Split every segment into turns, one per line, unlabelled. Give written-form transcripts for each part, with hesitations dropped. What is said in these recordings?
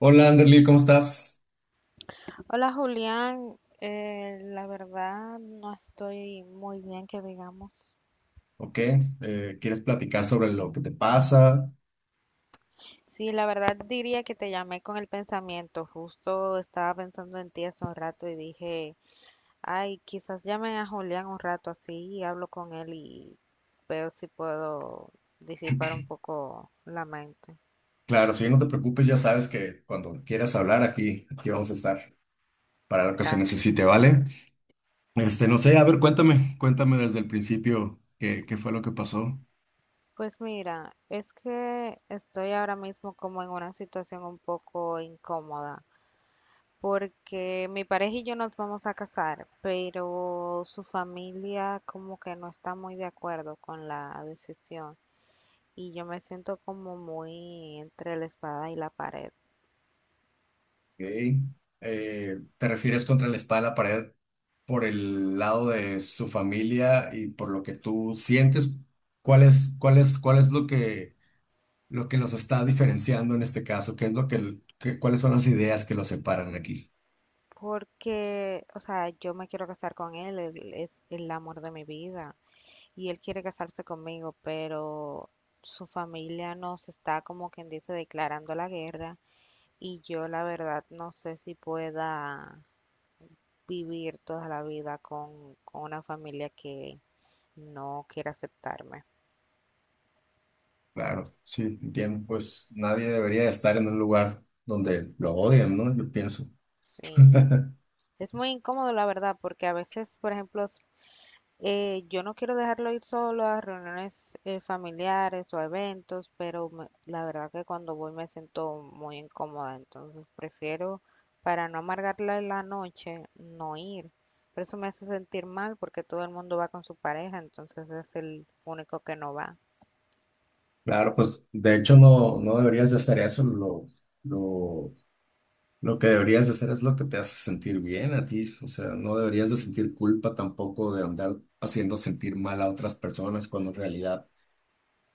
Hola Anderly, ¿cómo estás?
Hola Julián, la verdad no estoy muy bien que digamos.
Ok, ¿quieres platicar sobre lo que te pasa?
Sí, la verdad diría que te llamé con el pensamiento, justo estaba pensando en ti hace un rato y dije, ay, quizás llame a Julián un rato así y hablo con él y veo si puedo disipar un poco la mente.
Claro, si no te preocupes, ya sabes que cuando quieras hablar aquí vamos a estar para lo que se
Gracias.
necesite, ¿vale? Este, no sé, a ver, cuéntame, desde el principio qué fue lo que pasó.
Pues mira, es que estoy ahora mismo como en una situación un poco incómoda, porque mi pareja y yo nos vamos a casar, pero su familia como que no está muy de acuerdo con la decisión y yo me siento como muy entre la espada y la pared,
Ok, ¿te refieres contra la espada de la pared por el lado de su familia y por lo que tú sientes? ¿Cuál es lo que los está diferenciando en este caso, qué es lo que, cuáles son las ideas que los separan aquí.
porque, o sea, yo me quiero casar con él, él es el amor de mi vida y él quiere casarse conmigo, pero su familia nos está como quien dice declarando la guerra y yo la verdad no sé si pueda vivir toda la vida con una familia que no quiere aceptarme.
Claro, sí, entiendo, pues nadie debería estar en un lugar donde lo odian, ¿no? Yo pienso.
Sí, es muy incómodo la verdad, porque a veces, por ejemplo, yo no quiero dejarlo ir solo a reuniones familiares o a eventos, pero la verdad que cuando voy me siento muy incómoda, entonces prefiero, para no amargarle la noche, no ir. Pero eso me hace sentir mal porque todo el mundo va con su pareja, entonces es el único que no va.
Claro, pues de hecho no, no deberías de hacer eso, lo, lo que deberías de hacer es lo que te hace sentir bien a ti, o sea, no deberías de sentir culpa tampoco de andar haciendo sentir mal a otras personas cuando en realidad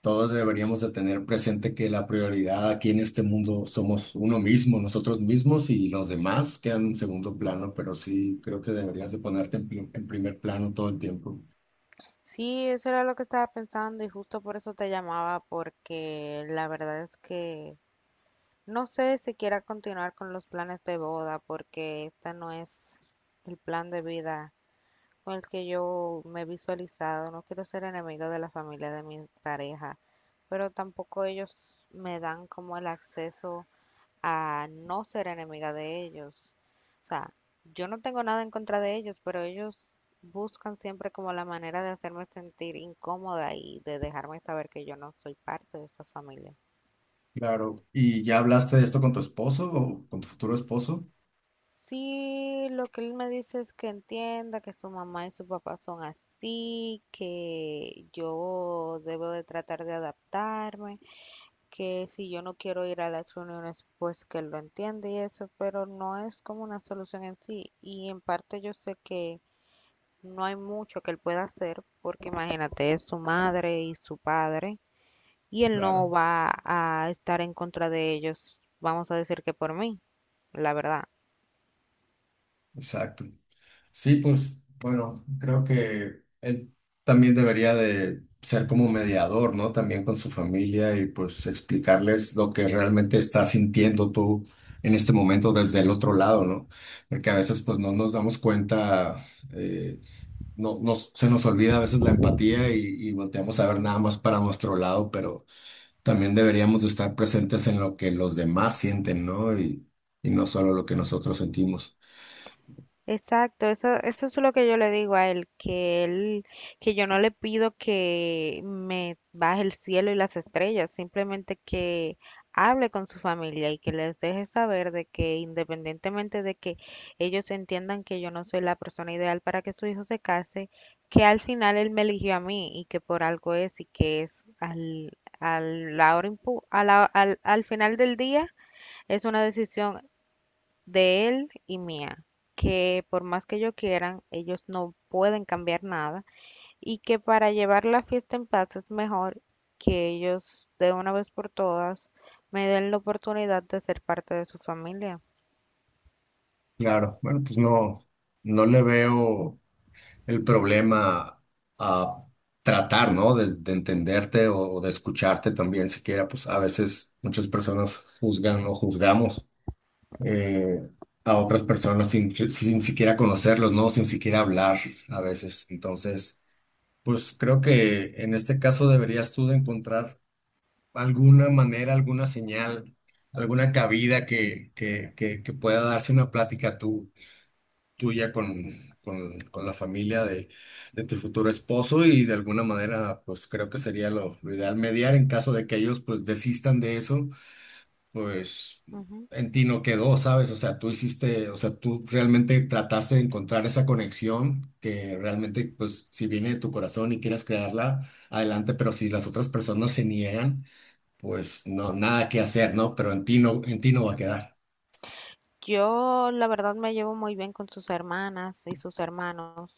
todos deberíamos de tener presente que la prioridad aquí en este mundo somos uno mismo, nosotros mismos y los demás quedan en segundo plano, pero sí creo que deberías de ponerte en, en primer plano todo el tiempo.
Sí, eso era lo que estaba pensando y justo por eso te llamaba, porque la verdad es que no sé si quiera continuar con los planes de boda, porque esta no es el plan de vida con el que yo me he visualizado. No quiero ser enemigo de la familia de mi pareja, pero tampoco ellos me dan como el acceso a no ser enemiga de ellos. O sea, yo no tengo nada en contra de ellos, pero ellos buscan siempre como la manera de hacerme sentir incómoda y de dejarme saber que yo no soy parte de esta familia.
Claro. ¿Y ya hablaste de esto con tu esposo o con tu futuro esposo?
Sí, lo que él me dice es que entienda que su mamá y su papá son así, que yo debo de tratar de adaptarme, que si yo no quiero ir a las reuniones, pues que él lo entiende y eso, pero no es como una solución en sí. Y en parte yo sé que no hay mucho que él pueda hacer porque imagínate, es su madre y su padre y él no
Claro,
va a estar en contra de ellos, vamos a decir que por mí, la verdad.
exacto. Sí, pues bueno, creo que él también debería de ser como mediador, ¿no? También con su familia y pues explicarles lo que realmente estás sintiendo tú en este momento desde el otro lado, ¿no? Porque a veces pues no nos damos cuenta, eh, no, nos, se nos olvida a veces la empatía y volteamos a ver nada más para nuestro lado, pero también deberíamos de estar presentes en lo que los demás sienten, ¿no? Y no solo lo que nosotros sentimos.
Exacto, eso es lo que yo le digo a él, que yo no le pido que me baje el cielo y las estrellas, simplemente que hable con su familia y que les deje saber de que independientemente de que ellos entiendan que yo no soy la persona ideal para que su hijo se case, que al final él me eligió a mí y que por algo es y que es al, al, la hora impu- a la- al, al final del día es una decisión de él y mía, que por más que ellos quieran, ellos no pueden cambiar nada y que para llevar la fiesta en paz es mejor que ellos de una vez por todas me den la oportunidad de ser parte de su familia.
Claro, bueno, pues no, no le veo el problema a tratar, ¿no? De entenderte o de escucharte también, siquiera, pues a veces muchas personas juzgan o juzgamos eh, a otras personas sin siquiera conocerlos, ¿no? Sin siquiera hablar a veces. Entonces, pues creo que en este caso deberías tú de encontrar alguna manera, alguna señal, alguna cabida que pueda darse una plática tú tuya con la familia de tu futuro esposo y de alguna manera pues creo que sería lo ideal mediar en caso de que ellos pues desistan de eso, pues
Ujú.
en ti no quedó, ¿sabes? O sea, tú hiciste, o sea, tú realmente trataste de encontrar esa conexión que realmente pues si viene de tu corazón y quieres crearla, adelante, pero si las otras personas se niegan, pues no, nada que hacer, ¿no? Pero en ti no va a quedar.
Yo la verdad me llevo muy bien con sus hermanas y sus hermanos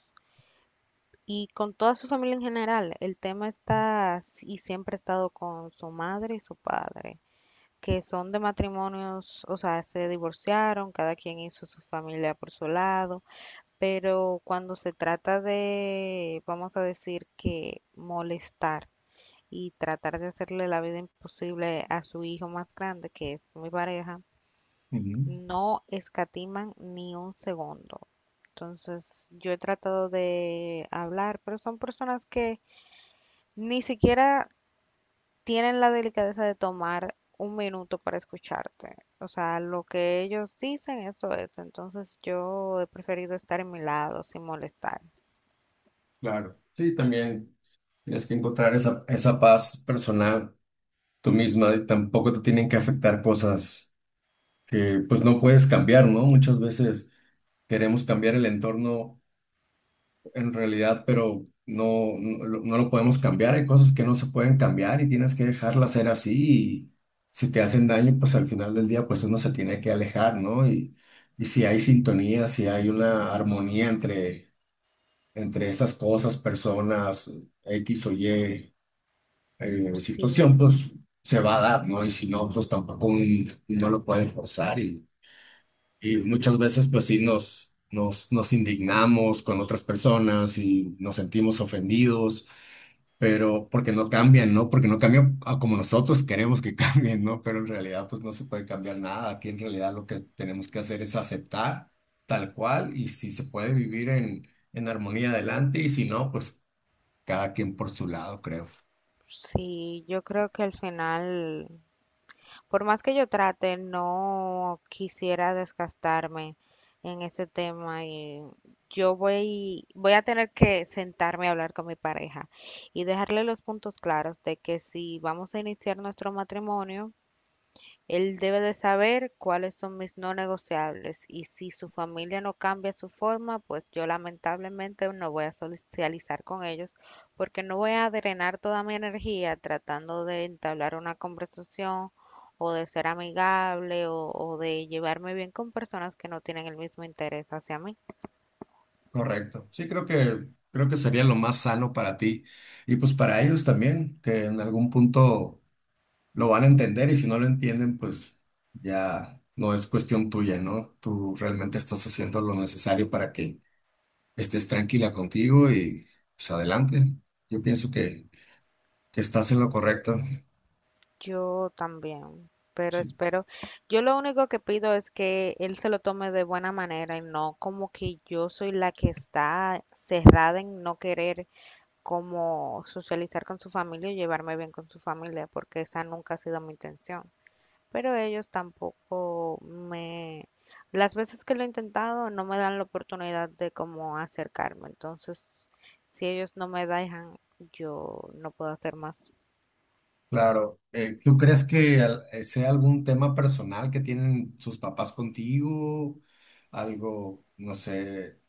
y con toda su familia en general. El tema está y siempre ha estado con su madre y su padre, que son de matrimonios, o sea, se divorciaron, cada quien hizo su familia por su lado, pero cuando se trata de, vamos a decir que molestar y tratar de hacerle la vida imposible a su hijo más grande, que es mi pareja,
Ujú.
no escatiman ni un segundo. Entonces, yo he tratado de hablar, pero son personas que ni siquiera tienen la delicadeza de tomar un minuto para escucharte. O sea, lo que ellos dicen, eso es. Entonces yo he preferido estar en mi lado sin molestar.
Claro. Sí, también. Tienes que encontrar esa paz personal tú misma y tampoco te tienen que afectar cosas que pues no puedes cambiar, ¿no? Muchas veces queremos cambiar el entorno en realidad, pero no, lo podemos cambiar. Hay cosas que no se pueden cambiar y tienes que dejarlas ser así. Y si te hacen daño, pues al final del día, pues uno se tiene que alejar, ¿no? Y si hay sintonía, si hay una armonía entre esas cosas, personas, X o Y.
Sí,
Situación, pues se va a dar, ¿no? Y si no, pues tampoco no lo pueden forzar y muchas veces pues sí nos indignamos con otras personas y nos sentimos ofendidos, pero porque no cambian, ¿no? Porque no cambian a como nosotros queremos que cambien, ¿no? Pero en realidad pues no se puede cambiar nada. Aquí en realidad lo que tenemos que hacer es aceptar tal cual y si se puede vivir en armonía adelante y si no, pues cada quien por su lado, creo.
sí, yo creo que al final, por más que yo trate, no quisiera desgastarme en ese tema y voy a tener que sentarme a hablar con mi pareja y dejarle los puntos claros de que si vamos a iniciar nuestro matrimonio, él debe de saber cuáles son mis no negociables y si su familia no cambia su forma, pues yo lamentablemente no voy a socializar con ellos porque no voy a drenar toda mi energía tratando de entablar una conversación o de ser amigable o de llevarme bien con personas que no tienen el mismo interés hacia mí.
Correcto. Sí, creo que sería lo más sano para ti y pues para ellos también, que en algún punto lo van a entender y si no lo entienden, pues ya no es cuestión tuya, ¿no? Tú realmente estás haciendo lo necesario para que estés tranquila contigo y pues adelante. Yo pienso que estás en lo correcto.
Yo también, pero
Sí,
espero, yo lo único que pido es que él se lo tome de buena manera y no como que yo soy la que está cerrada en no querer como socializar con su familia y llevarme bien con su familia, porque esa nunca ha sido mi intención. Pero ellos tampoco me, las veces que lo he intentado no me dan la oportunidad de como acercarme, entonces si ellos no me dejan, yo no puedo hacer más.
claro. ¿Tú crees que sea algún tema personal que tienen sus papás contigo? Algo, no sé.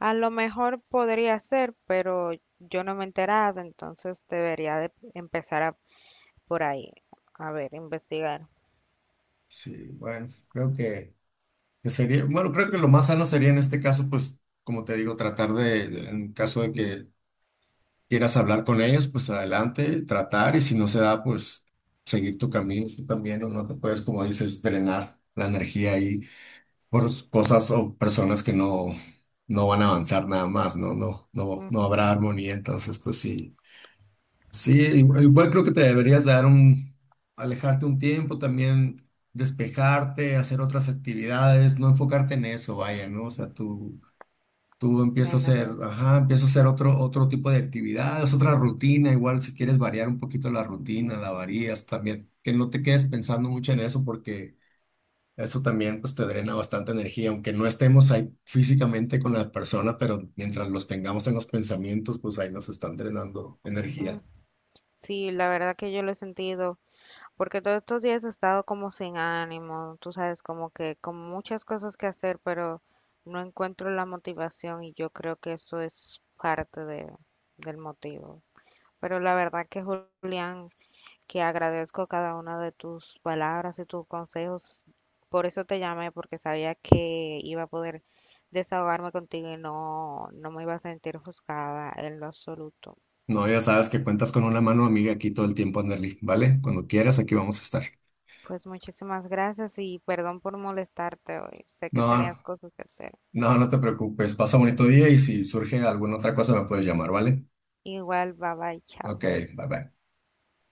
A lo mejor podría ser, pero yo no me he enterado, entonces debería de por ahí, a ver, investigar.
Sí, bueno, que sería, bueno, creo que lo más sano sería en este caso, pues, como te digo, tratar en caso de que quieras hablar con ellos, pues adelante, tratar, y si no se da, pues seguir tu camino, tú también, ¿no? No te puedes, como dices, drenar la energía ahí por cosas o personas que no, no van a avanzar nada más, ¿no? No
Ujú,
habrá armonía, entonces, pues sí. Sí, igual creo que te deberías dar un, alejarte un tiempo, también despejarte, hacer otras actividades, no enfocarte en eso, vaya, ¿no? O sea, tú empiezas a
menos
hacer,
bien.
ajá, empiezas a hacer otro tipo de actividades, otra rutina, igual si quieres variar un poquito la rutina, la varías también, que no te quedes pensando mucho en eso porque eso también pues te drena bastante energía, aunque no estemos ahí físicamente con la persona, pero mientras los tengamos en los pensamientos, pues ahí nos están drenando
Mm,
energía.
sí, la verdad que yo lo he sentido, porque todos estos días he estado como sin ánimo, tú sabes, como que con muchas cosas que hacer, pero no encuentro la motivación y yo creo que eso es parte del motivo. Pero la verdad que Julián, que agradezco cada una de tus palabras y tus consejos. Por eso te llamé, porque sabía que iba a poder desahogarme contigo y no me iba a sentir juzgada en lo absoluto.
No, ya sabes que cuentas con una mano amiga aquí todo el tiempo, Anderly, ¿vale? Cuando quieras, aquí vamos a estar.
Pues muchísimas gracias y perdón por molestarte hoy. Sé que tenías
No,
cosas que hacer.
no te preocupes. Pasa bonito día y si surge alguna otra cosa me puedes llamar, ¿vale?
Igual, bye bye,
Ok,
chao.
bye bye.